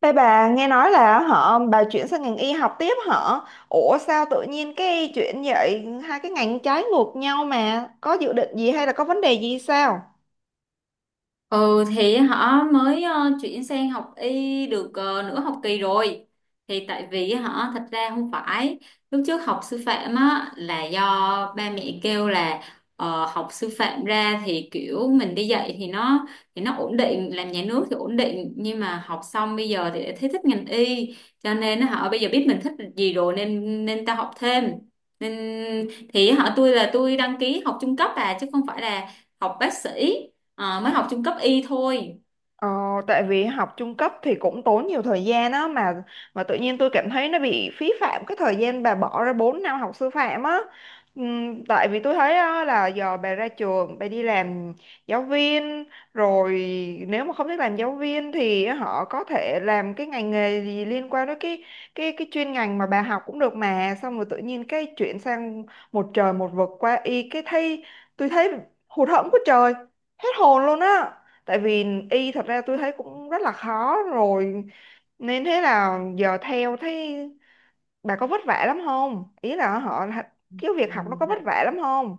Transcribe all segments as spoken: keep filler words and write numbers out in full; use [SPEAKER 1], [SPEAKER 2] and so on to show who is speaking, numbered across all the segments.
[SPEAKER 1] Ê bà nghe nói là họ bà chuyển sang ngành y học tiếp hả? Ủa sao tự nhiên cái chuyện vậy, hai cái ngành trái ngược nhau mà, có dự định gì hay là có vấn đề gì sao?
[SPEAKER 2] Ừ thì họ mới ờ, chuyển sang học y được ờ, nửa học kỳ rồi. Thì tại vì họ thật ra không phải, lúc trước học sư phạm á là do ba mẹ kêu là ờ, học sư phạm ra thì kiểu mình đi dạy thì nó thì nó ổn định, làm nhà nước thì ổn định, nhưng mà học xong bây giờ thì lại thấy thích ngành y, cho nên họ bây giờ biết mình thích gì rồi nên nên tao học thêm. Nên thì họ tôi là tôi đăng ký học trung cấp à, chứ không phải là học bác sĩ. Ờ, mới học trung cấp y thôi.
[SPEAKER 1] Ờ, Tại vì học trung cấp thì cũng tốn nhiều thời gian á, mà mà tự nhiên tôi cảm thấy nó bị phí phạm cái thời gian bà bỏ ra bốn năm học sư phạm á. Ừm, tại vì tôi thấy á, là giờ bà ra trường bà đi làm giáo viên rồi, nếu mà không thích làm giáo viên thì họ có thể làm cái ngành nghề gì liên quan đến cái cái cái chuyên ngành mà bà học cũng được, mà xong rồi tự nhiên cái chuyển sang một trời một vực qua y, cái thấy, tôi thấy hụt hẫng của trời, hết hồn luôn á. Tại vì y thật ra tôi thấy cũng rất là khó rồi, nên thế là giờ theo thấy bà có vất vả lắm không, ý là họ cái
[SPEAKER 2] Ừ,
[SPEAKER 1] việc học nó có
[SPEAKER 2] Thật
[SPEAKER 1] vất vả lắm không?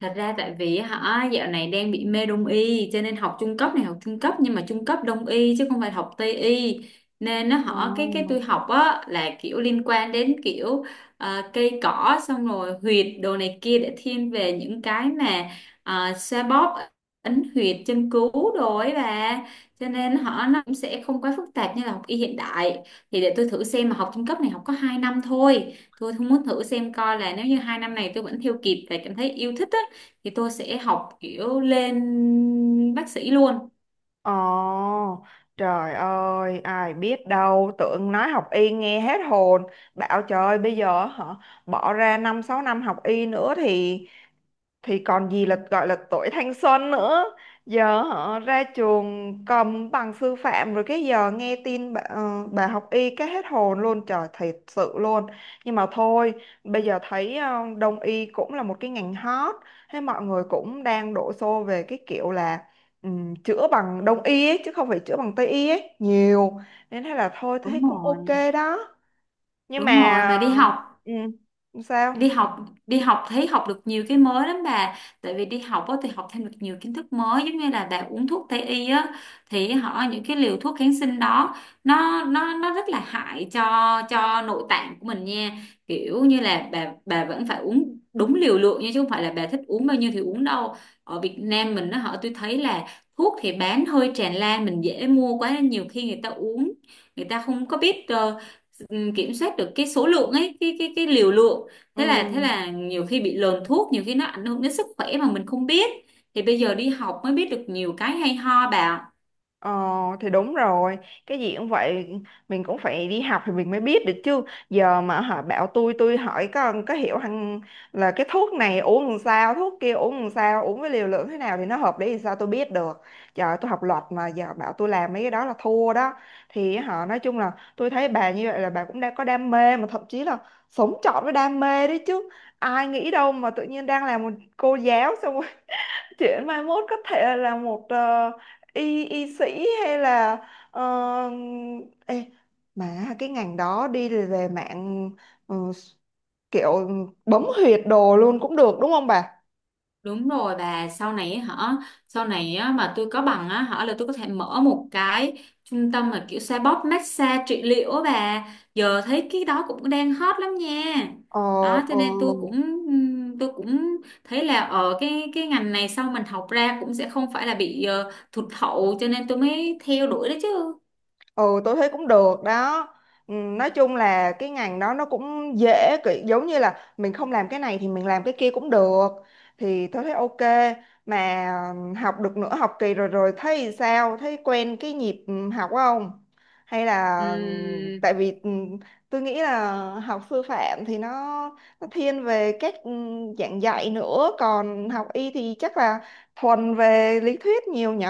[SPEAKER 2] Thật ra tại vì hả dạo này đang bị mê đông y, cho nên học trung cấp, này học trung cấp nhưng mà trung cấp đông y chứ không phải học tây y. Nên nó
[SPEAKER 1] Ờ.
[SPEAKER 2] họ cái cái tôi học á là kiểu liên quan đến kiểu ờ, cây cỏ, xong rồi huyệt đồ này kia, để thiên về những cái mà uh, xoa bóp, ấn huyệt, châm cứu đồ ấy bà, cho nên họ nó cũng sẽ không quá phức tạp như là học y hiện đại. Thì để tôi thử xem, mà học trung cấp này học có hai năm thôi, tôi không muốn thử xem coi là nếu như hai năm này tôi vẫn theo kịp và cảm thấy yêu thích á thì tôi sẽ học kiểu lên bác sĩ luôn.
[SPEAKER 1] Ồ, trời ơi, ai biết đâu, tưởng nói học y nghe hết hồn. Bảo trời, bây giờ họ bỏ ra năm sáu năm học y nữa thì thì còn gì là gọi là tuổi thanh xuân nữa. Giờ họ ra trường cầm bằng sư phạm rồi, cái giờ nghe tin bà, ờ, bà học y, cái hết hồn luôn trời, thiệt sự luôn. Nhưng mà thôi, bây giờ thấy ờ, đông y cũng là một cái ngành hot, thế mọi người cũng đang đổ xô về cái kiểu là ừm, chữa bằng đông y ấy, chứ không phải chữa bằng tây y ấy nhiều, nên thế là thôi thấy
[SPEAKER 2] Đúng
[SPEAKER 1] cũng ok.
[SPEAKER 2] rồi.
[SPEAKER 1] Đó, nhưng
[SPEAKER 2] Đúng
[SPEAKER 1] mà
[SPEAKER 2] rồi, mà đi học
[SPEAKER 1] ừ, sao?
[SPEAKER 2] đi học đi học thấy học được nhiều cái mới lắm bà. Tại vì đi học á thì học thêm được nhiều kiến thức mới, giống như là bà uống thuốc tây y á, thì họ những cái liều thuốc kháng sinh đó, nó nó nó rất là hại cho cho nội tạng của mình nha. Kiểu như là bà bà vẫn phải uống đúng liều lượng nha, chứ không phải là bà thích uống bao nhiêu thì uống đâu. Ở Việt Nam mình nó họ tôi thấy là thuốc thì bán hơi tràn lan, mình dễ mua quá nên nhiều khi người ta uống, người ta không có biết ờ, ừm, kiểm soát được cái số lượng ấy, cái cái cái liều lượng.
[SPEAKER 1] Ừ.
[SPEAKER 2] Thế là thế là nhiều khi bị lờn thuốc, nhiều khi nó ảnh hưởng đến sức khỏe mà mình không biết. Thì bây giờ đi học mới biết được nhiều cái hay ho bà.
[SPEAKER 1] Ờ thì đúng rồi. Cái gì cũng vậy. Mình cũng phải đi học thì mình mới biết được chứ. Giờ mà họ bảo tôi Tôi hỏi có có hiểu hằng là cái thuốc này uống làm sao, thuốc kia uống làm sao, uống với liều lượng thế nào thì nó hợp lý, thì sao tôi biết được. Giờ tôi học luật mà giờ bảo tôi làm mấy cái đó là thua đó. Thì họ nói chung là tôi thấy bà như vậy là bà cũng đang có đam mê, mà thậm chí là sống trọn với đam mê đấy chứ. Ai nghĩ đâu mà tự nhiên đang làm một cô giáo, xong chuyển mốt có thể là một, ờ, y y sĩ hay là ờ, ê, mà cái ngành đó đi về mạng, ờ, kiểu bấm huyệt đồ luôn cũng được, đúng không bà?
[SPEAKER 2] Đúng rồi bà, sau này ấy hả, sau này á, mà tôi có bằng á hả là tôi có thể mở một cái trung tâm mà kiểu xoa bóp massage trị liệu á bà. Giờ thấy cái đó cũng đang hot lắm nha.
[SPEAKER 1] Ờ,
[SPEAKER 2] Đó cho
[SPEAKER 1] ờ,
[SPEAKER 2] nên tôi cũng ừm, tôi cũng thấy là ở cái cái ngành này sau mình học ra cũng sẽ không phải là bị ờ, thụt hậu, cho nên tôi mới theo đuổi đó chứ.
[SPEAKER 1] ừ tôi thấy cũng được đó. Ừ, nói chung là cái ngành đó nó cũng dễ, kiểu giống như là mình không làm cái này thì mình làm cái kia cũng được. Thì tôi thấy ok. Mà ừ, học được nửa học kỳ rồi, rồi thấy sao? Thấy quen cái nhịp ừ, học không? Hay là ừ,
[SPEAKER 2] Ừm,
[SPEAKER 1] tại vì ừ, tôi nghĩ là học sư phạm thì nó, nó thiên về các ừ, dạng dạy nữa, còn học y thì chắc là thuần về lý thuyết nhiều nhỉ.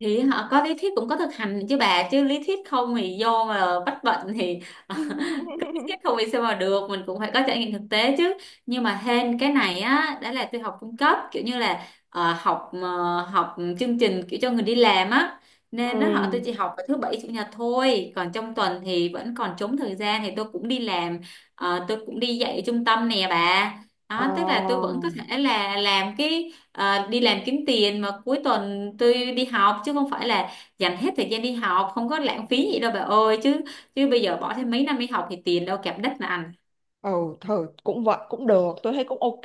[SPEAKER 2] thì họ có lý thuyết cũng có thực hành chứ bà, chứ lý thuyết không thì vô mà bắt bệnh thì cứ lý thuyết không thì sao mà được, mình cũng phải có trải nghiệm thực tế chứ. Nhưng mà hên cái này á, đó là tôi học trung cấp kiểu như là ờ, học ờ, học chương trình kiểu cho người đi làm á, nên nó họ tôi
[SPEAKER 1] Ừ.
[SPEAKER 2] chỉ học vào thứ bảy chủ nhật thôi, còn trong tuần thì vẫn còn trống thời gian thì tôi cũng đi làm. Ờ, tôi cũng đi dạy ở trung tâm nè bà,
[SPEAKER 1] Ờ,
[SPEAKER 2] đó tức là tôi vẫn có thể là làm cái. Ờ, đi làm kiếm tiền, mà cuối tuần tôi đi học, chứ không phải là dành hết thời gian đi học, không có lãng phí gì đâu bà ơi chứ, chứ bây giờ bỏ thêm mấy năm đi học thì tiền đâu kẹp đất mà ăn.
[SPEAKER 1] ừ, thử cũng vậy cũng được, tôi thấy cũng ok.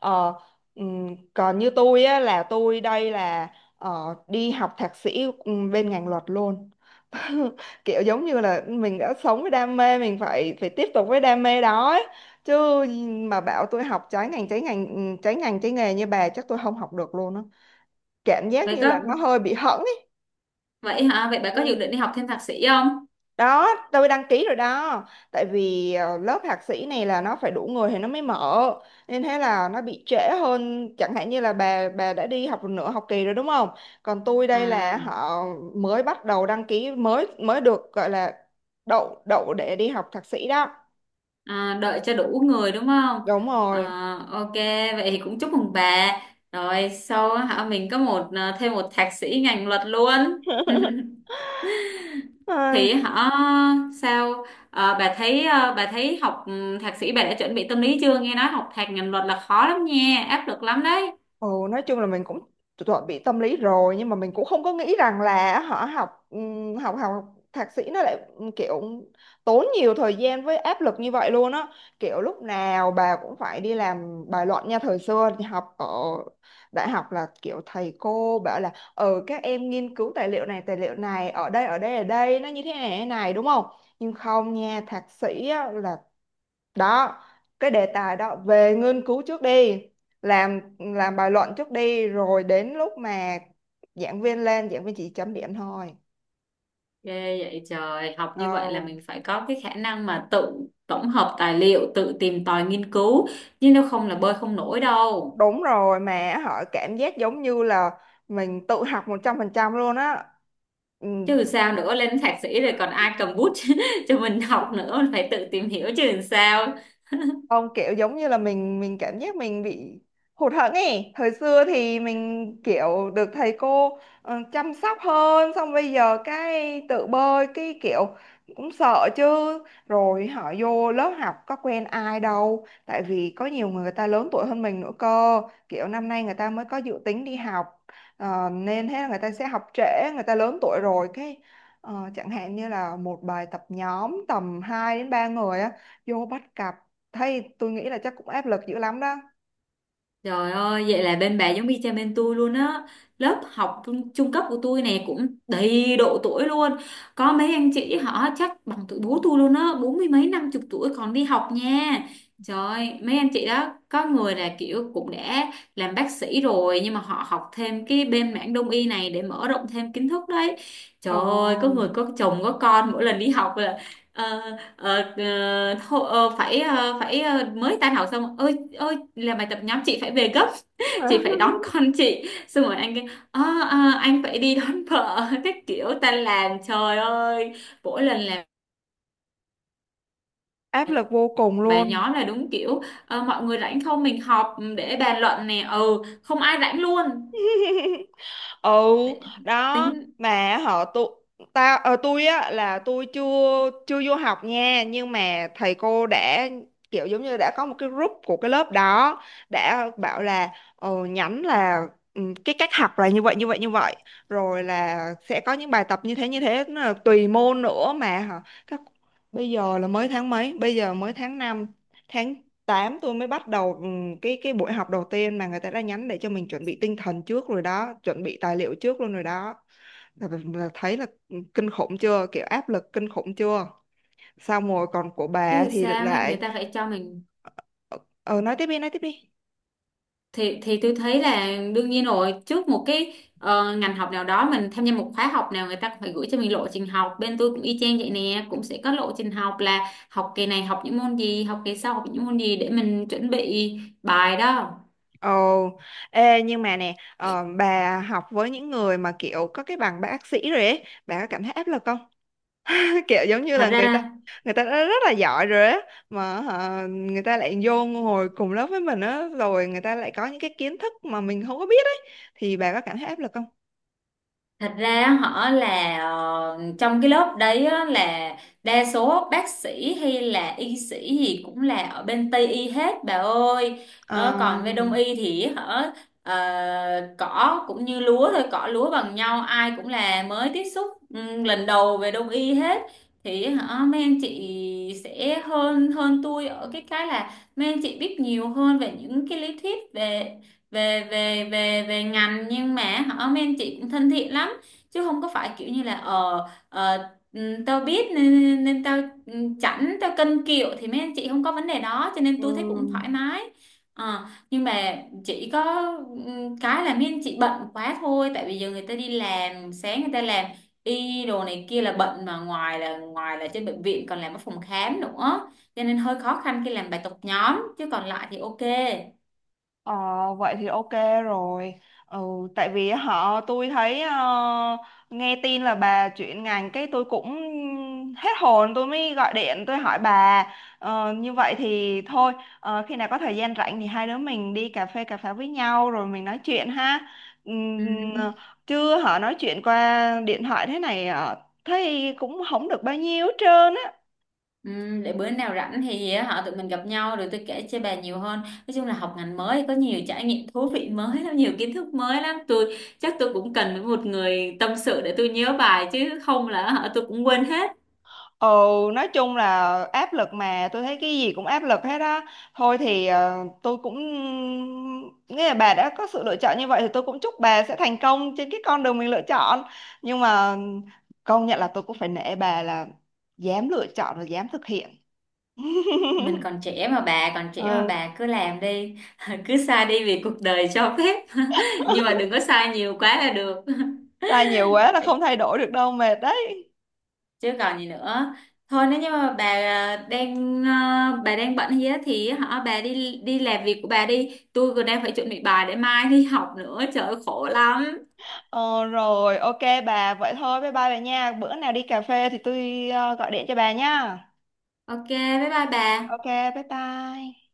[SPEAKER 1] ờ, ừm, Còn như tôi á là tôi đây là ờ, đi học thạc sĩ ừm, bên ngành luật luôn. Kiểu giống như là mình đã sống với đam mê mình phải phải tiếp tục với đam mê đó ấy. Chứ mà bảo tôi học trái ngành trái ngành ừm, trái ngành trái nghề như bà chắc tôi không học được luôn á, cảm giác
[SPEAKER 2] Vậy
[SPEAKER 1] như là
[SPEAKER 2] có,
[SPEAKER 1] nó hơi bị hẫng ấy.
[SPEAKER 2] vậy hả, vậy bà có dự định đi học thêm thạc sĩ không?
[SPEAKER 1] Đó, tôi đăng ký rồi đó. Tại vì ờ, lớp thạc sĩ này là nó phải đủ người thì nó mới mở, nên thế là nó bị trễ hơn. Chẳng hạn như là bà bà đã đi học nửa học kỳ rồi đúng không, còn tôi đây
[SPEAKER 2] À,
[SPEAKER 1] là họ mới bắt đầu đăng ký, mới mới được gọi là đậu đậu để đi học thạc sĩ đó.
[SPEAKER 2] à, đợi cho đủ người đúng không?
[SPEAKER 1] Đúng
[SPEAKER 2] Ờ,
[SPEAKER 1] rồi.
[SPEAKER 2] ok, vậy thì cũng chúc mừng bà, rồi sau hả mình có một ờ, thêm một thạc sĩ ngành luật luôn.
[SPEAKER 1] Ai,
[SPEAKER 2] Thì hả, sao? Ờ, bà thấy, ờ, bà thấy học ừ, thạc sĩ, bà đã chuẩn bị tâm lý chưa, nghe nói học thạc ngành luật là khó lắm nha, áp lực lắm đấy.
[SPEAKER 1] ừ, nói chung là mình cũng chuẩn bị tâm lý rồi, nhưng mà mình cũng không có nghĩ rằng là họ học, ừm, học học thạc sĩ nó lại ừ, kiểu tốn nhiều thời gian với áp lực như vậy luôn á. Kiểu lúc nào bà cũng phải đi làm bài luận nha. Thời xưa thì học ở đại học là kiểu thầy cô bảo là ừ các em nghiên cứu tài liệu này tài liệu này ở đây ở đây ở đây nó như thế này thế này đúng không, nhưng không nha, thạc sĩ á, là đó, cái đề tài đó về nghiên cứu trước đi, làm làm bài luận trước đi, rồi đến lúc mà giảng viên lên giảng viên chỉ chấm điểm thôi.
[SPEAKER 2] Ghê vậy trời, học
[SPEAKER 1] Ờ,
[SPEAKER 2] như vậy là mình phải có cái khả năng mà tự tổng hợp tài liệu, tự tìm tòi nghiên cứu, chứ nếu không là bơi không nổi đâu.
[SPEAKER 1] đúng rồi, mà họ cảm giác giống như là mình tự học một trăm phần trăm luôn á. Ừ,
[SPEAKER 2] Chứ sao nữa, lên thạc sĩ rồi còn ai cầm bút cho mình học nữa, phải tự tìm hiểu chứ làm sao.
[SPEAKER 1] không, kiểu giống như là mình mình cảm giác mình bị hụt hẫng ấy. Thời xưa thì mình kiểu được thầy cô ờ, chăm sóc hơn, xong bây giờ cái tự bơi cái kiểu cũng sợ chứ. Rồi họ vô lớp học có quen ai đâu, tại vì có nhiều người, người ta lớn tuổi hơn mình nữa cơ. Kiểu năm nay người ta mới có dự tính đi học, ờ, nên thế là người ta sẽ học trễ, người ta lớn tuổi rồi, cái ờ, chẳng hạn như là một bài tập nhóm tầm hai đến ba người á, vô bắt cặp. Thấy tôi nghĩ là chắc cũng áp lực dữ lắm đó.
[SPEAKER 2] Trời ơi, vậy là bên bà giống y chang bên tôi luôn á. Lớp học trung, trung cấp của tôi này cũng đầy độ tuổi luôn. Có mấy anh chị họ chắc bằng tuổi bố tôi luôn á, bốn mươi mấy năm chục tuổi còn đi học nha. Trời, mấy anh chị đó có người là kiểu cũng đã làm bác sĩ rồi, nhưng mà họ học thêm cái bên mảng đông y này để mở rộng thêm kiến thức đấy. Trời
[SPEAKER 1] Ờ.
[SPEAKER 2] ơi, có người có chồng có con, mỗi lần đi học ờ, ờ, ờ, hô- ờ, phải ờ, phải ờ, mới tan học xong, ơi ơi làm bài tập nhóm, chị phải về gấp, chị phải đón con chị, xong rồi anh kêu "Ờ, ờ, anh phải đi đón vợ" các kiểu tan làm trời ơi, mỗi lần làm
[SPEAKER 1] Áp lực vô cùng
[SPEAKER 2] bài
[SPEAKER 1] luôn.
[SPEAKER 2] nhóm là đúng kiểu ờ, mọi người rảnh không mình họp ừ, để bàn luận nè, ừ không ai rảnh luôn.
[SPEAKER 1] Ừ.
[SPEAKER 2] Để-,
[SPEAKER 1] Đó,
[SPEAKER 2] tính,
[SPEAKER 1] mà họ tụ, tao ờ, tôi á là tôi chưa chưa vô học nha, nhưng mà thầy cô đã kiểu giống như đã có một cái group của cái lớp đó, đã bảo là ờ, nhắn là ừ, cái cách học là như vậy như vậy như vậy, rồi là sẽ có những bài tập như thế như thế, nó là tùy môn nữa mà hả các. Bây giờ là mới tháng mấy, bây giờ mới tháng năm, tháng tám tôi mới bắt đầu, ừm, cái cái buổi học đầu tiên mà người ta đã nhắn để cho mình chuẩn bị tinh thần trước rồi đó, chuẩn bị tài liệu trước luôn rồi đó. Là, là thấy là ừ, kinh khủng chưa, kiểu áp lực kinh khủng chưa. Xong rồi còn của bà
[SPEAKER 2] chứ
[SPEAKER 1] thì
[SPEAKER 2] sao ấy, người
[SPEAKER 1] lại,
[SPEAKER 2] ta phải cho mình.
[SPEAKER 1] ờ ờ, nói tiếp đi, nói tiếp đi.
[SPEAKER 2] Thì thì tôi thấy là đương nhiên rồi, trước một cái ờ, ngành học nào đó mình tham gia một khóa học nào, người ta cũng phải gửi cho mình lộ trình học. Bên tôi cũng y chang vậy nè, cũng sẽ có lộ trình học là học kỳ này học những môn gì, học kỳ sau học những môn gì để mình chuẩn bị bài đó.
[SPEAKER 1] Ồ. Ê nhưng mà nè, ờ, bà học với những người mà kiểu có cái bằng bác sĩ rồi ấy, bà có cảm thấy áp lực không? Kiểu giống như
[SPEAKER 2] Thật
[SPEAKER 1] là người ta
[SPEAKER 2] ra,
[SPEAKER 1] người ta đã rất là giỏi rồi á, mà hả, người ta lại vô ngồi cùng lớp với mình á, rồi người ta lại có những cái kiến thức mà mình không có biết ấy, thì bà có cảm thấy áp lực không?
[SPEAKER 2] thật ra họ là ờ, trong cái lớp đấy á, là đa số bác sĩ hay là y sĩ gì cũng là ở bên Tây y hết bà ơi. Ờ,
[SPEAKER 1] Ờ.
[SPEAKER 2] còn về Đông y thì họ ờ, cỏ cũng như lúa thôi, cỏ lúa bằng nhau, ai cũng là mới tiếp xúc ừ, lần đầu về Đông y hết. Thì hả mấy anh chị sẽ hơn hơn tôi ở cái cái là mấy anh chị biết nhiều hơn về những cái lý thuyết về về về về về ngành, nhưng mà họ mấy anh chị cũng thân thiện lắm, chứ không có phải kiểu như là ờ ờ, ừ, tao biết nên, nên nên tao ừ, chảnh tao cân kiệu, thì mấy anh chị không có vấn đề đó, cho nên
[SPEAKER 1] Ừ.
[SPEAKER 2] tôi thấy cũng thoải mái. Ờ, nhưng mà chỉ có ừ, cái là mấy anh chị bận quá thôi, tại vì giờ người ta đi làm sáng, người ta làm y đồ này kia là bận, mà ngoài là ngoài là trên bệnh viện còn làm ở phòng khám nữa, cho nên hơi khó khăn khi làm bài tập nhóm, chứ còn lại thì ok.
[SPEAKER 1] Ờ, vậy thì ok rồi. Ừ, tại vì họ tôi thấy, ờ, nghe tin là bà chuyển ngành cái tôi cũng hết hồn, tôi mới gọi điện tôi hỏi bà. Ờ, như vậy thì thôi, ờ, khi nào có thời gian rảnh thì hai đứa mình đi cà phê cà pháo với nhau rồi mình nói chuyện ha.
[SPEAKER 2] Ừ.
[SPEAKER 1] Ừm, chứ họ nói chuyện qua điện thoại thế này ờ, thấy cũng không được bao nhiêu hết trơn á.
[SPEAKER 2] Ừ, để bữa nào rảnh thì ờ, họ tụi mình gặp nhau rồi tôi kể cho bà nhiều hơn, nói chung là học ngành mới có nhiều trải nghiệm thú vị mới lắm, nhiều kiến thức mới lắm, tôi chắc tôi cũng cần với một người tâm sự để tôi nhớ bài, chứ không là họ tôi cũng quên hết.
[SPEAKER 1] Ừ, nói chung là áp lực, mà tôi thấy cái gì cũng áp lực hết á. Thôi thì ờ, tôi cũng nghĩa là bà đã có sự lựa chọn như vậy thì tôi cũng chúc bà sẽ thành công trên cái con đường mình lựa chọn. Nhưng mà công nhận là tôi cũng phải nể bà là dám lựa chọn và dám thực hiện.
[SPEAKER 2] Mình còn trẻ mà, bà còn trẻ mà
[SPEAKER 1] Ừ,
[SPEAKER 2] bà cứ làm đi cứ sai đi vì cuộc đời cho phép nhưng mà đừng có sai nhiều quá là được
[SPEAKER 1] sai nhiều quá là không thay đổi được đâu, mệt đấy.
[SPEAKER 2] chứ còn gì nữa. Thôi nếu như mà bà à, đang à, bà đang bận gì á thì hả bà đi, đi làm việc của bà đi, tôi còn đang phải chuẩn bị bài để mai đi học nữa, trời ơi, khổ lắm.
[SPEAKER 1] Ờ, rồi, ok bà, vậy thôi, bye bye bà nha. Bữa nào đi cà phê thì tôi ờ, gọi điện cho bà nha.
[SPEAKER 2] Ok bye bye bà.
[SPEAKER 1] Ok, bye bye.